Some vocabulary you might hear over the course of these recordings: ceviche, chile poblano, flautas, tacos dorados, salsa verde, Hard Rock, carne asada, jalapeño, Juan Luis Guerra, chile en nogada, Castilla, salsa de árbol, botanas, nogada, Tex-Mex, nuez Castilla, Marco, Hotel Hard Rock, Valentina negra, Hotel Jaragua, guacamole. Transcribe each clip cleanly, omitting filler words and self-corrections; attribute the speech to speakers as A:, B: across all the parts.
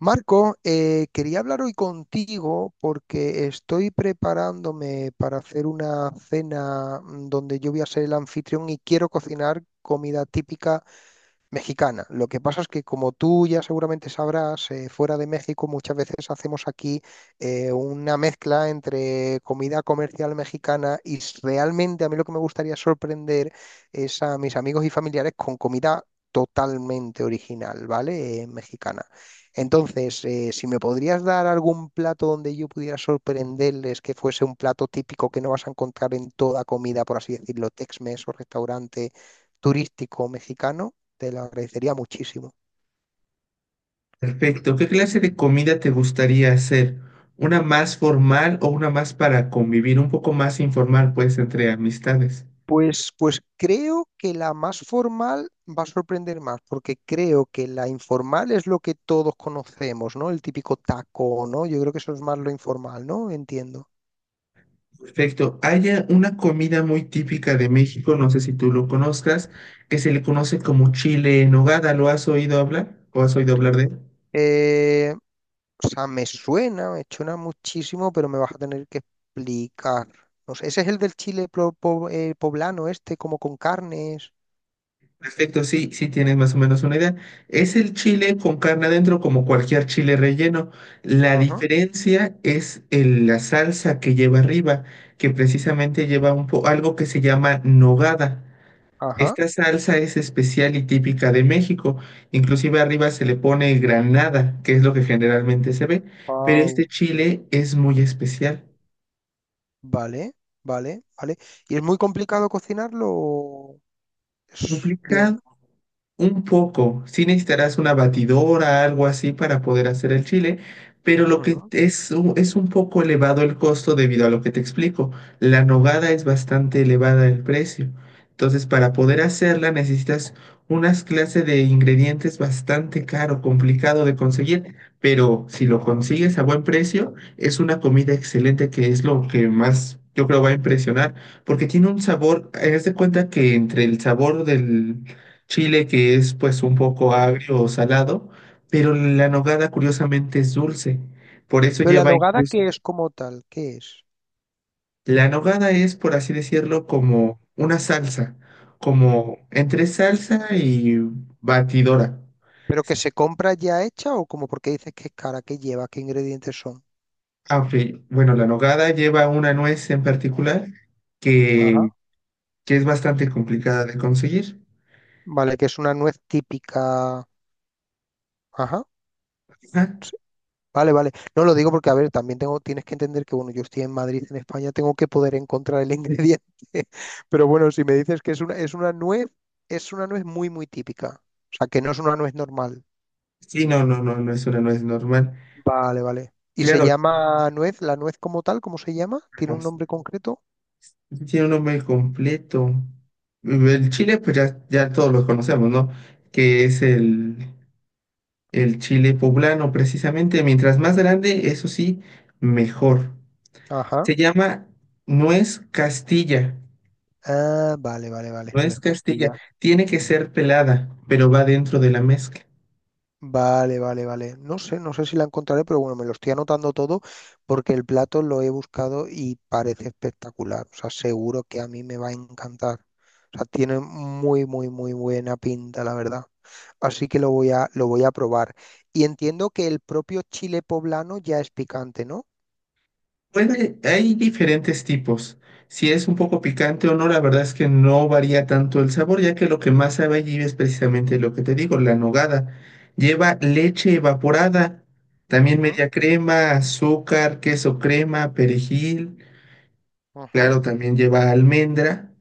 A: Marco, quería hablar hoy contigo porque estoy preparándome para hacer una cena donde yo voy a ser el anfitrión y quiero cocinar comida típica mexicana. Lo que pasa es que, como tú ya seguramente sabrás, fuera de México muchas veces hacemos aquí una mezcla entre comida comercial mexicana y realmente a mí lo que me gustaría sorprender es a mis amigos y familiares con comida totalmente original, ¿vale? Mexicana. Entonces, si me podrías dar algún plato donde yo pudiera sorprenderles que fuese un plato típico que no vas a encontrar en toda comida, por así decirlo, Tex-Mex o restaurante turístico mexicano. Te lo agradecería muchísimo.
B: Perfecto. ¿Qué clase de comida te gustaría hacer? ¿Una más formal o una más para convivir, un poco más informal, pues, entre amistades?
A: Pues creo que la más formal va a sorprender más, porque creo que la informal es lo que todos conocemos, ¿no? El típico taco, ¿no? Yo creo que eso es más lo informal, ¿no? Entiendo.
B: Perfecto. Hay una comida muy típica de México, no sé si tú lo conozcas, que se le conoce como chile en nogada. ¿Lo has oído hablar? ¿O has oído hablar de él?
A: Eh, o sea, me suena muchísimo, pero me vas a tener que explicar. No sé, ese es el del chile poblano, este, como con carnes.
B: Perfecto, sí, sí tienes más o menos una idea. Es el chile con carne adentro como cualquier chile relleno. La
A: Ajá.
B: diferencia es la salsa que lleva arriba, que precisamente lleva un algo que se llama nogada.
A: Ajá.
B: Esta salsa es especial y típica de México. Inclusive arriba se le pone granada, que es lo que generalmente se ve, pero este
A: Wow.
B: chile es muy especial.
A: Vale, vale, vale. ¿Y es muy complicado cocinarlo? O es bien.
B: Complicado un poco, sí, necesitarás una batidora, algo así para poder hacer el chile, pero lo que
A: Ujú,
B: es, es un poco elevado el costo debido a lo que te explico. La nogada es bastante elevada el precio. Entonces, para poder hacerla necesitas unas clases de ingredientes bastante caro, complicado de conseguir, pero si lo consigues a buen precio, es una comida excelente que es lo que más yo creo va a impresionar, porque tiene un sabor, haz de cuenta que entre el sabor del chile, que es pues un poco
A: ujú.
B: agrio o salado, pero la nogada curiosamente es dulce. Por eso
A: Pero la
B: lleva
A: nogada,
B: incluso...
A: ¿qué es como tal? ¿Qué es?
B: La nogada es, por así decirlo, como una salsa, como entre salsa y batidora.
A: ¿Pero que se compra ya hecha o como porque dices que es cara? ¿Qué lleva? ¿Qué ingredientes son?
B: Aunque, bueno, la nogada lleva una nuez en particular
A: Ajá.
B: que, que es bastante complicada de conseguir.
A: Vale, que es una nuez típica. Ajá.
B: Ajá.
A: Sí, vale, vale. No lo digo porque, a ver, también tengo, tienes que entender que, bueno, yo estoy en Madrid, en España, tengo que poder encontrar el ingrediente. Pero bueno, si me dices que es una nuez muy, muy típica. O sea, que no es una nuez normal.
B: Sí, no, no, no, no es una nuez normal.
A: Vale, vale. ¿Y se
B: Claro,
A: llama nuez? ¿La nuez como tal? ¿Cómo se llama? ¿Tiene un nombre concreto?
B: tiene un nombre completo. El chile, pues ya, ya todos lo conocemos, ¿no? Que es el chile poblano, precisamente. Mientras más grande, eso sí, mejor.
A: Ajá.
B: Se llama nuez Castilla.
A: Ah, vale, vale, vale. No
B: Nuez
A: es
B: Castilla.
A: Castilla.
B: Tiene que ser pelada, pero va dentro de la mezcla.
A: Vale, vale, vale. No sé, no sé si la encontraré, pero bueno, me lo estoy anotando todo porque el plato lo he buscado y parece espectacular. O sea, seguro que a mí me va a encantar. O sea, tiene muy, muy, muy buena pinta, la verdad. Así que lo voy a probar. Y entiendo que el propio chile poblano ya es picante, ¿no?
B: Bueno, hay diferentes tipos. Si es un poco picante o no, la verdad es que no varía tanto el sabor, ya que lo que más sabe allí es precisamente lo que te digo, la nogada. Lleva leche evaporada, también
A: Ujú,
B: media crema, azúcar, queso crema, perejil.
A: ujú.
B: Claro, también lleva almendra,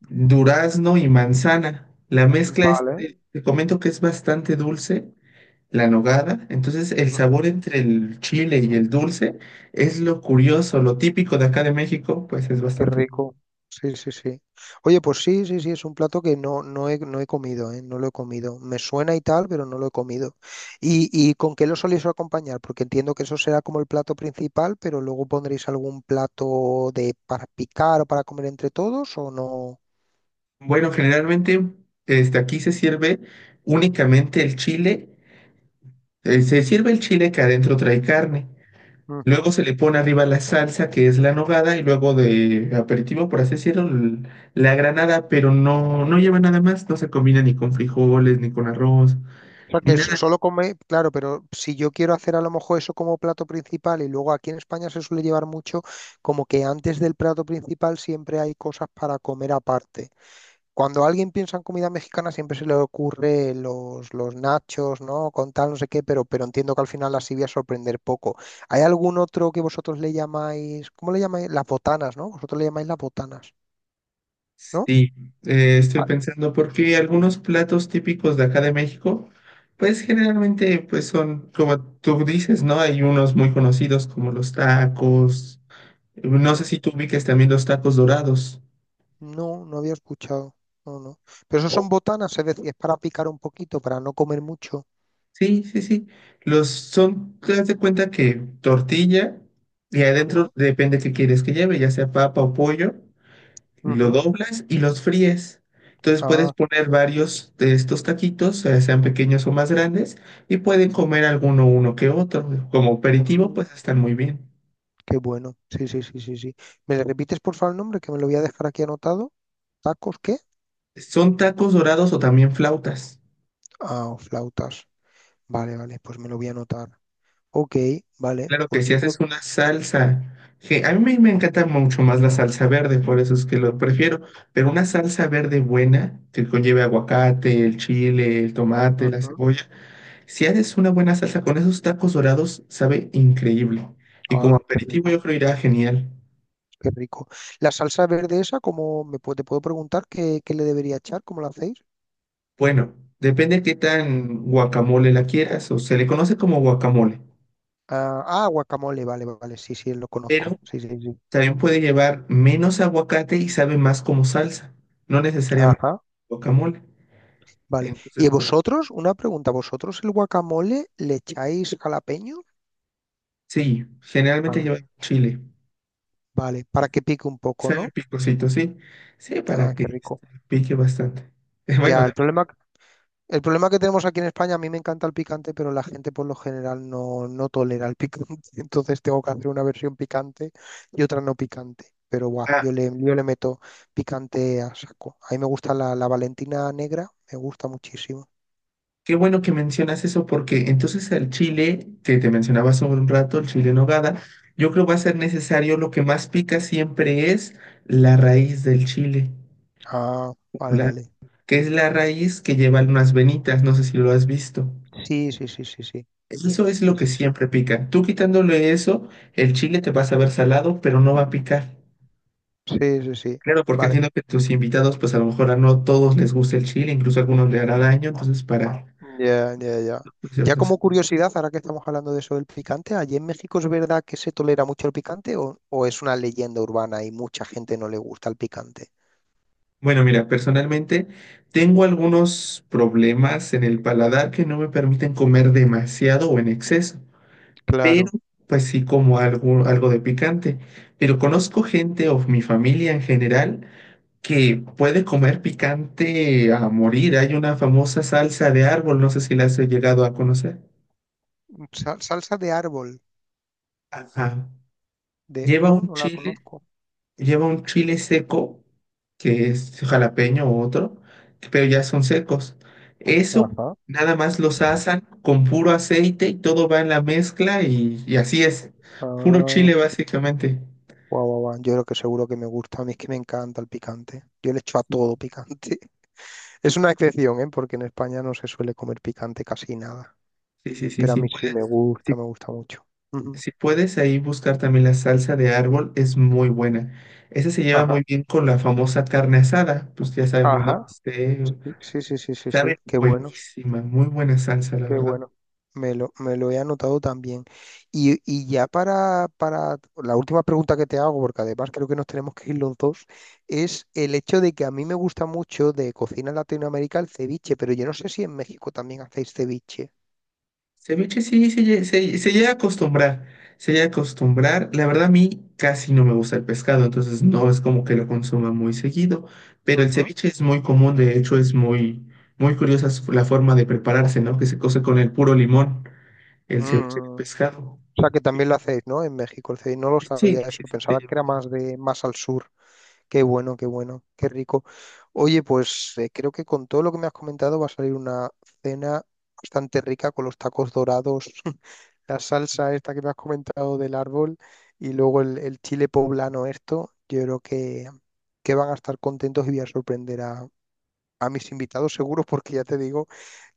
B: durazno y manzana. La mezcla es,
A: Vale.
B: te comento que es bastante dulce la nogada. Entonces, el sabor
A: Ujú.
B: entre el chile y el dulce es lo curioso, lo típico de acá de México, pues es
A: Qué
B: bastante bueno.
A: rico. Sí, sí, sí. Oye, pues sí, sí, sí, es un plato que no, no he, no he comido, ¿eh? No lo he comido. Me suena y tal, pero no lo he comido. Y con qué lo soléis acompañar? Porque entiendo que eso será como el plato principal, pero luego pondréis algún plato de para picar o para comer entre todos o no.
B: Bueno, generalmente, este, aquí se sirve únicamente el chile. Se sirve el chile que adentro trae carne. Luego
A: Ujú.
B: se le pone arriba la salsa, que es la nogada, y luego de aperitivo, por así decirlo, la granada, pero no, no lleva nada más, no se combina ni con frijoles, ni con arroz,
A: O sea,
B: ni
A: que
B: nada.
A: solo come, claro, pero si yo quiero hacer a lo mejor eso como plato principal y luego aquí en España se suele llevar mucho, como que antes del plato principal siempre hay cosas para comer aparte. Cuando alguien piensa en comida mexicana siempre se le ocurre los nachos, ¿no? Con tal, no sé qué, pero entiendo que al final las iba a sorprender poco. ¿Hay algún otro que vosotros le llamáis, ¿cómo le llamáis? Las botanas, ¿no? Vosotros le llamáis las botanas, ¿no?
B: Sí, estoy
A: Ah,
B: pensando porque algunos platos típicos de acá de México, pues generalmente pues son como tú dices, ¿no? Hay unos muy conocidos como los tacos. No sé
A: ujú.
B: si tú ubiques también los tacos dorados.
A: No, no había escuchado. No, no. Pero eso
B: o-
A: son botanas, es decir, es para picar un poquito, para no comer mucho.
B: Sí, sí, sí. Los son, te das de cuenta que tortilla y adentro
A: Ujú,
B: depende qué quieres que lleve, ya sea papa o pollo. Lo
A: ujú.
B: doblas y los fríes. Entonces puedes
A: Ah, qué
B: poner varios de estos taquitos, sean pequeños o más grandes, y pueden comer alguno uno que otro. Como aperitivo,
A: mm,
B: pues están muy bien.
A: qué bueno. Sí, sí, sí, sí, sí. ¿Me repites por favor el nombre que me lo voy a dejar aquí anotado? ¿Tacos qué?
B: Son tacos dorados o también flautas.
A: Ah, o flautas. Vale, vale, pues me lo voy a anotar. Ok, vale,
B: Claro que
A: pues
B: si
A: yo creo
B: haces
A: que...
B: una salsa, que a mí me encanta mucho más la salsa verde, por eso es que lo prefiero, pero una salsa verde buena que conlleve aguacate, el chile, el tomate, la
A: Ujú.
B: cebolla. Si haces una buena salsa con esos tacos dorados, sabe increíble. Y como
A: Ah, qué
B: aperitivo
A: rico,
B: yo creo irá genial.
A: qué rico. La salsa verde esa, ¿cómo me puedo, te puedo preguntar qué, qué le debería echar? ¿Cómo la hacéis?
B: Bueno, depende qué tan guacamole la quieras, o se le conoce como guacamole,
A: Ah, ah, guacamole, vale, vale, sí, sí, lo
B: pero
A: conozco. Sí, sí, sí.
B: también puede llevar menos aguacate y sabe más como salsa, no necesariamente
A: Ajá,
B: guacamole.
A: vale. ¿Y
B: Entonces, pues
A: vosotros? Una pregunta, ¿vosotros el guacamole le echáis jalapeño?
B: sí, generalmente
A: Ah,
B: lleva chile.
A: vale, para que pique un poco,
B: Sabe
A: ¿no?
B: picosito, sí. Sí, para
A: Ah,
B: que
A: qué rico.
B: pique bastante. Bueno,
A: Ya, el problema El problema que tenemos aquí en España, a mí me encanta el picante, pero la gente por lo general no, no tolera el picante. Entonces tengo que hacer una versión picante y otra no picante. Pero guau,
B: ah,
A: yo le meto picante a saco. A mí me gusta la, la Valentina negra, me gusta muchísimo.
B: qué bueno que mencionas eso porque entonces el chile que te mencionaba hace un rato, el chile en nogada, yo creo va a ser necesario, lo que más pica siempre es la raíz del chile,
A: Ah, vale,
B: la-
A: vale.
B: que es la raíz que lleva unas venitas, no sé si lo has visto.
A: Sí, sí, sí, sí, sí.
B: Eso es lo
A: Sí,
B: que
A: sí, sí.
B: siempre pica. Tú quitándole eso, el chile te va a saber salado, pero no va a picar.
A: Sí, sí, sí.
B: Claro, porque
A: Vale.
B: entiendo que tus invitados, pues a lo mejor a no todos les gusta el chile, incluso a algunos le hará daño, entonces para...
A: Ya, ya, ya. Ya como curiosidad, ahora que estamos hablando de eso del picante, ¿allí en México es verdad que se tolera mucho el picante o es una leyenda urbana y mucha gente no le gusta el picante?
B: Bueno, mira, personalmente tengo algunos problemas en el paladar que no me permiten comer demasiado o en exceso, pero
A: Claro.
B: pues sí como algo, algo de picante. Pero conozco gente o mi familia en general que puede comer picante a morir. Hay una famosa salsa de árbol, no sé si la has llegado a conocer.
A: Sal- salsa de árbol,
B: Ajá.
A: de...
B: Lleva
A: No,
B: un
A: no la
B: chile.
A: conozco.
B: Lleva un chile seco, que es jalapeño u otro, pero ya son secos. Eso
A: Ajá.
B: nada más los asan con puro aceite y todo va en la mezcla y así es. Puro
A: Ah,
B: chile básicamente.
A: guau, guau, guau. Yo creo que seguro que me gusta, a mí es que me encanta el picante. Yo le echo a
B: Sí.
A: todo picante. Es una excepción, ¿eh? Porque en España no se suele comer picante casi nada.
B: Sí, sí, sí,
A: Pero a
B: sí.
A: mí sí
B: Puedes, sí,
A: me gusta mucho. Ujú.
B: si puedes ahí buscar también la salsa de árbol, es muy buena. Esa se lleva muy
A: Ajá,
B: bien con la famosa carne asada, pues ya sabemos, ¿no?
A: ajá.
B: Este,
A: Sí, sí, sí, sí, sí, sí,
B: sabe
A: qué bueno,
B: buenísima, muy buena salsa, la
A: qué
B: verdad.
A: bueno. Me lo he anotado también. Y ya para la última pregunta que te hago, porque además creo que nos tenemos que ir los dos, es el hecho de que a mí me gusta mucho de cocina latinoamericana el ceviche, pero yo no sé si en México también hacéis ceviche.
B: Ceviche sí, se, se llega a acostumbrar, se llega a acostumbrar. La verdad a mí casi no me gusta el pescado, entonces no es como que lo consuma muy seguido, pero el
A: Ujú.
B: ceviche es muy común, de hecho es muy, muy curiosa la forma de prepararse, ¿no? Que se cose con el puro limón, el ceviche de
A: Mm.
B: pescado.
A: O sea que también lo hacéis, ¿no? En México el ceviche, no lo
B: Sí,
A: sabía
B: sí,
A: eso,
B: sí,
A: pensaba que era más de más al sur. Qué bueno, qué bueno, qué rico. Oye, pues creo que con todo lo que me has comentado va a salir una cena bastante rica con los tacos dorados, la salsa esta que me has comentado del árbol y luego el chile poblano esto. Yo creo que van a estar contentos y voy a sorprender a mis invitados seguros porque ya te digo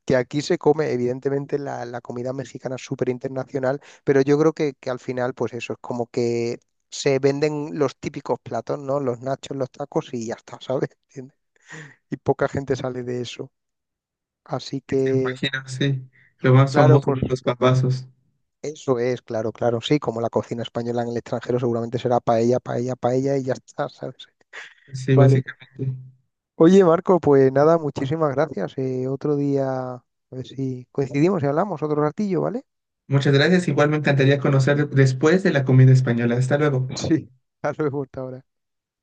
A: que aquí se come, evidentemente, la comida mexicana es súper internacional, pero yo creo que al final, pues eso, es como que se venden los típicos platos, ¿no? Los nachos, los tacos y ya está, ¿sabes? ¿Entiendes? Y poca gente sale de eso. Así
B: te
A: que,
B: imagino, sí. Lo más
A: claro,
B: famoso
A: pues
B: de los papazos.
A: eso es, claro, claro, sí, como la cocina española en el extranjero seguramente será paella, paella, paella y ya está, ¿sabes?
B: Sí,
A: Vale.
B: básicamente.
A: Oye, Marco, pues nada, muchísimas gracias. Otro día, a ver si coincidimos y hablamos otro ratillo, ¿vale?
B: Muchas gracias. Igual me encantaría conocer después de la comida española. Hasta luego.
A: Sí. Hasta luego, hasta ahora.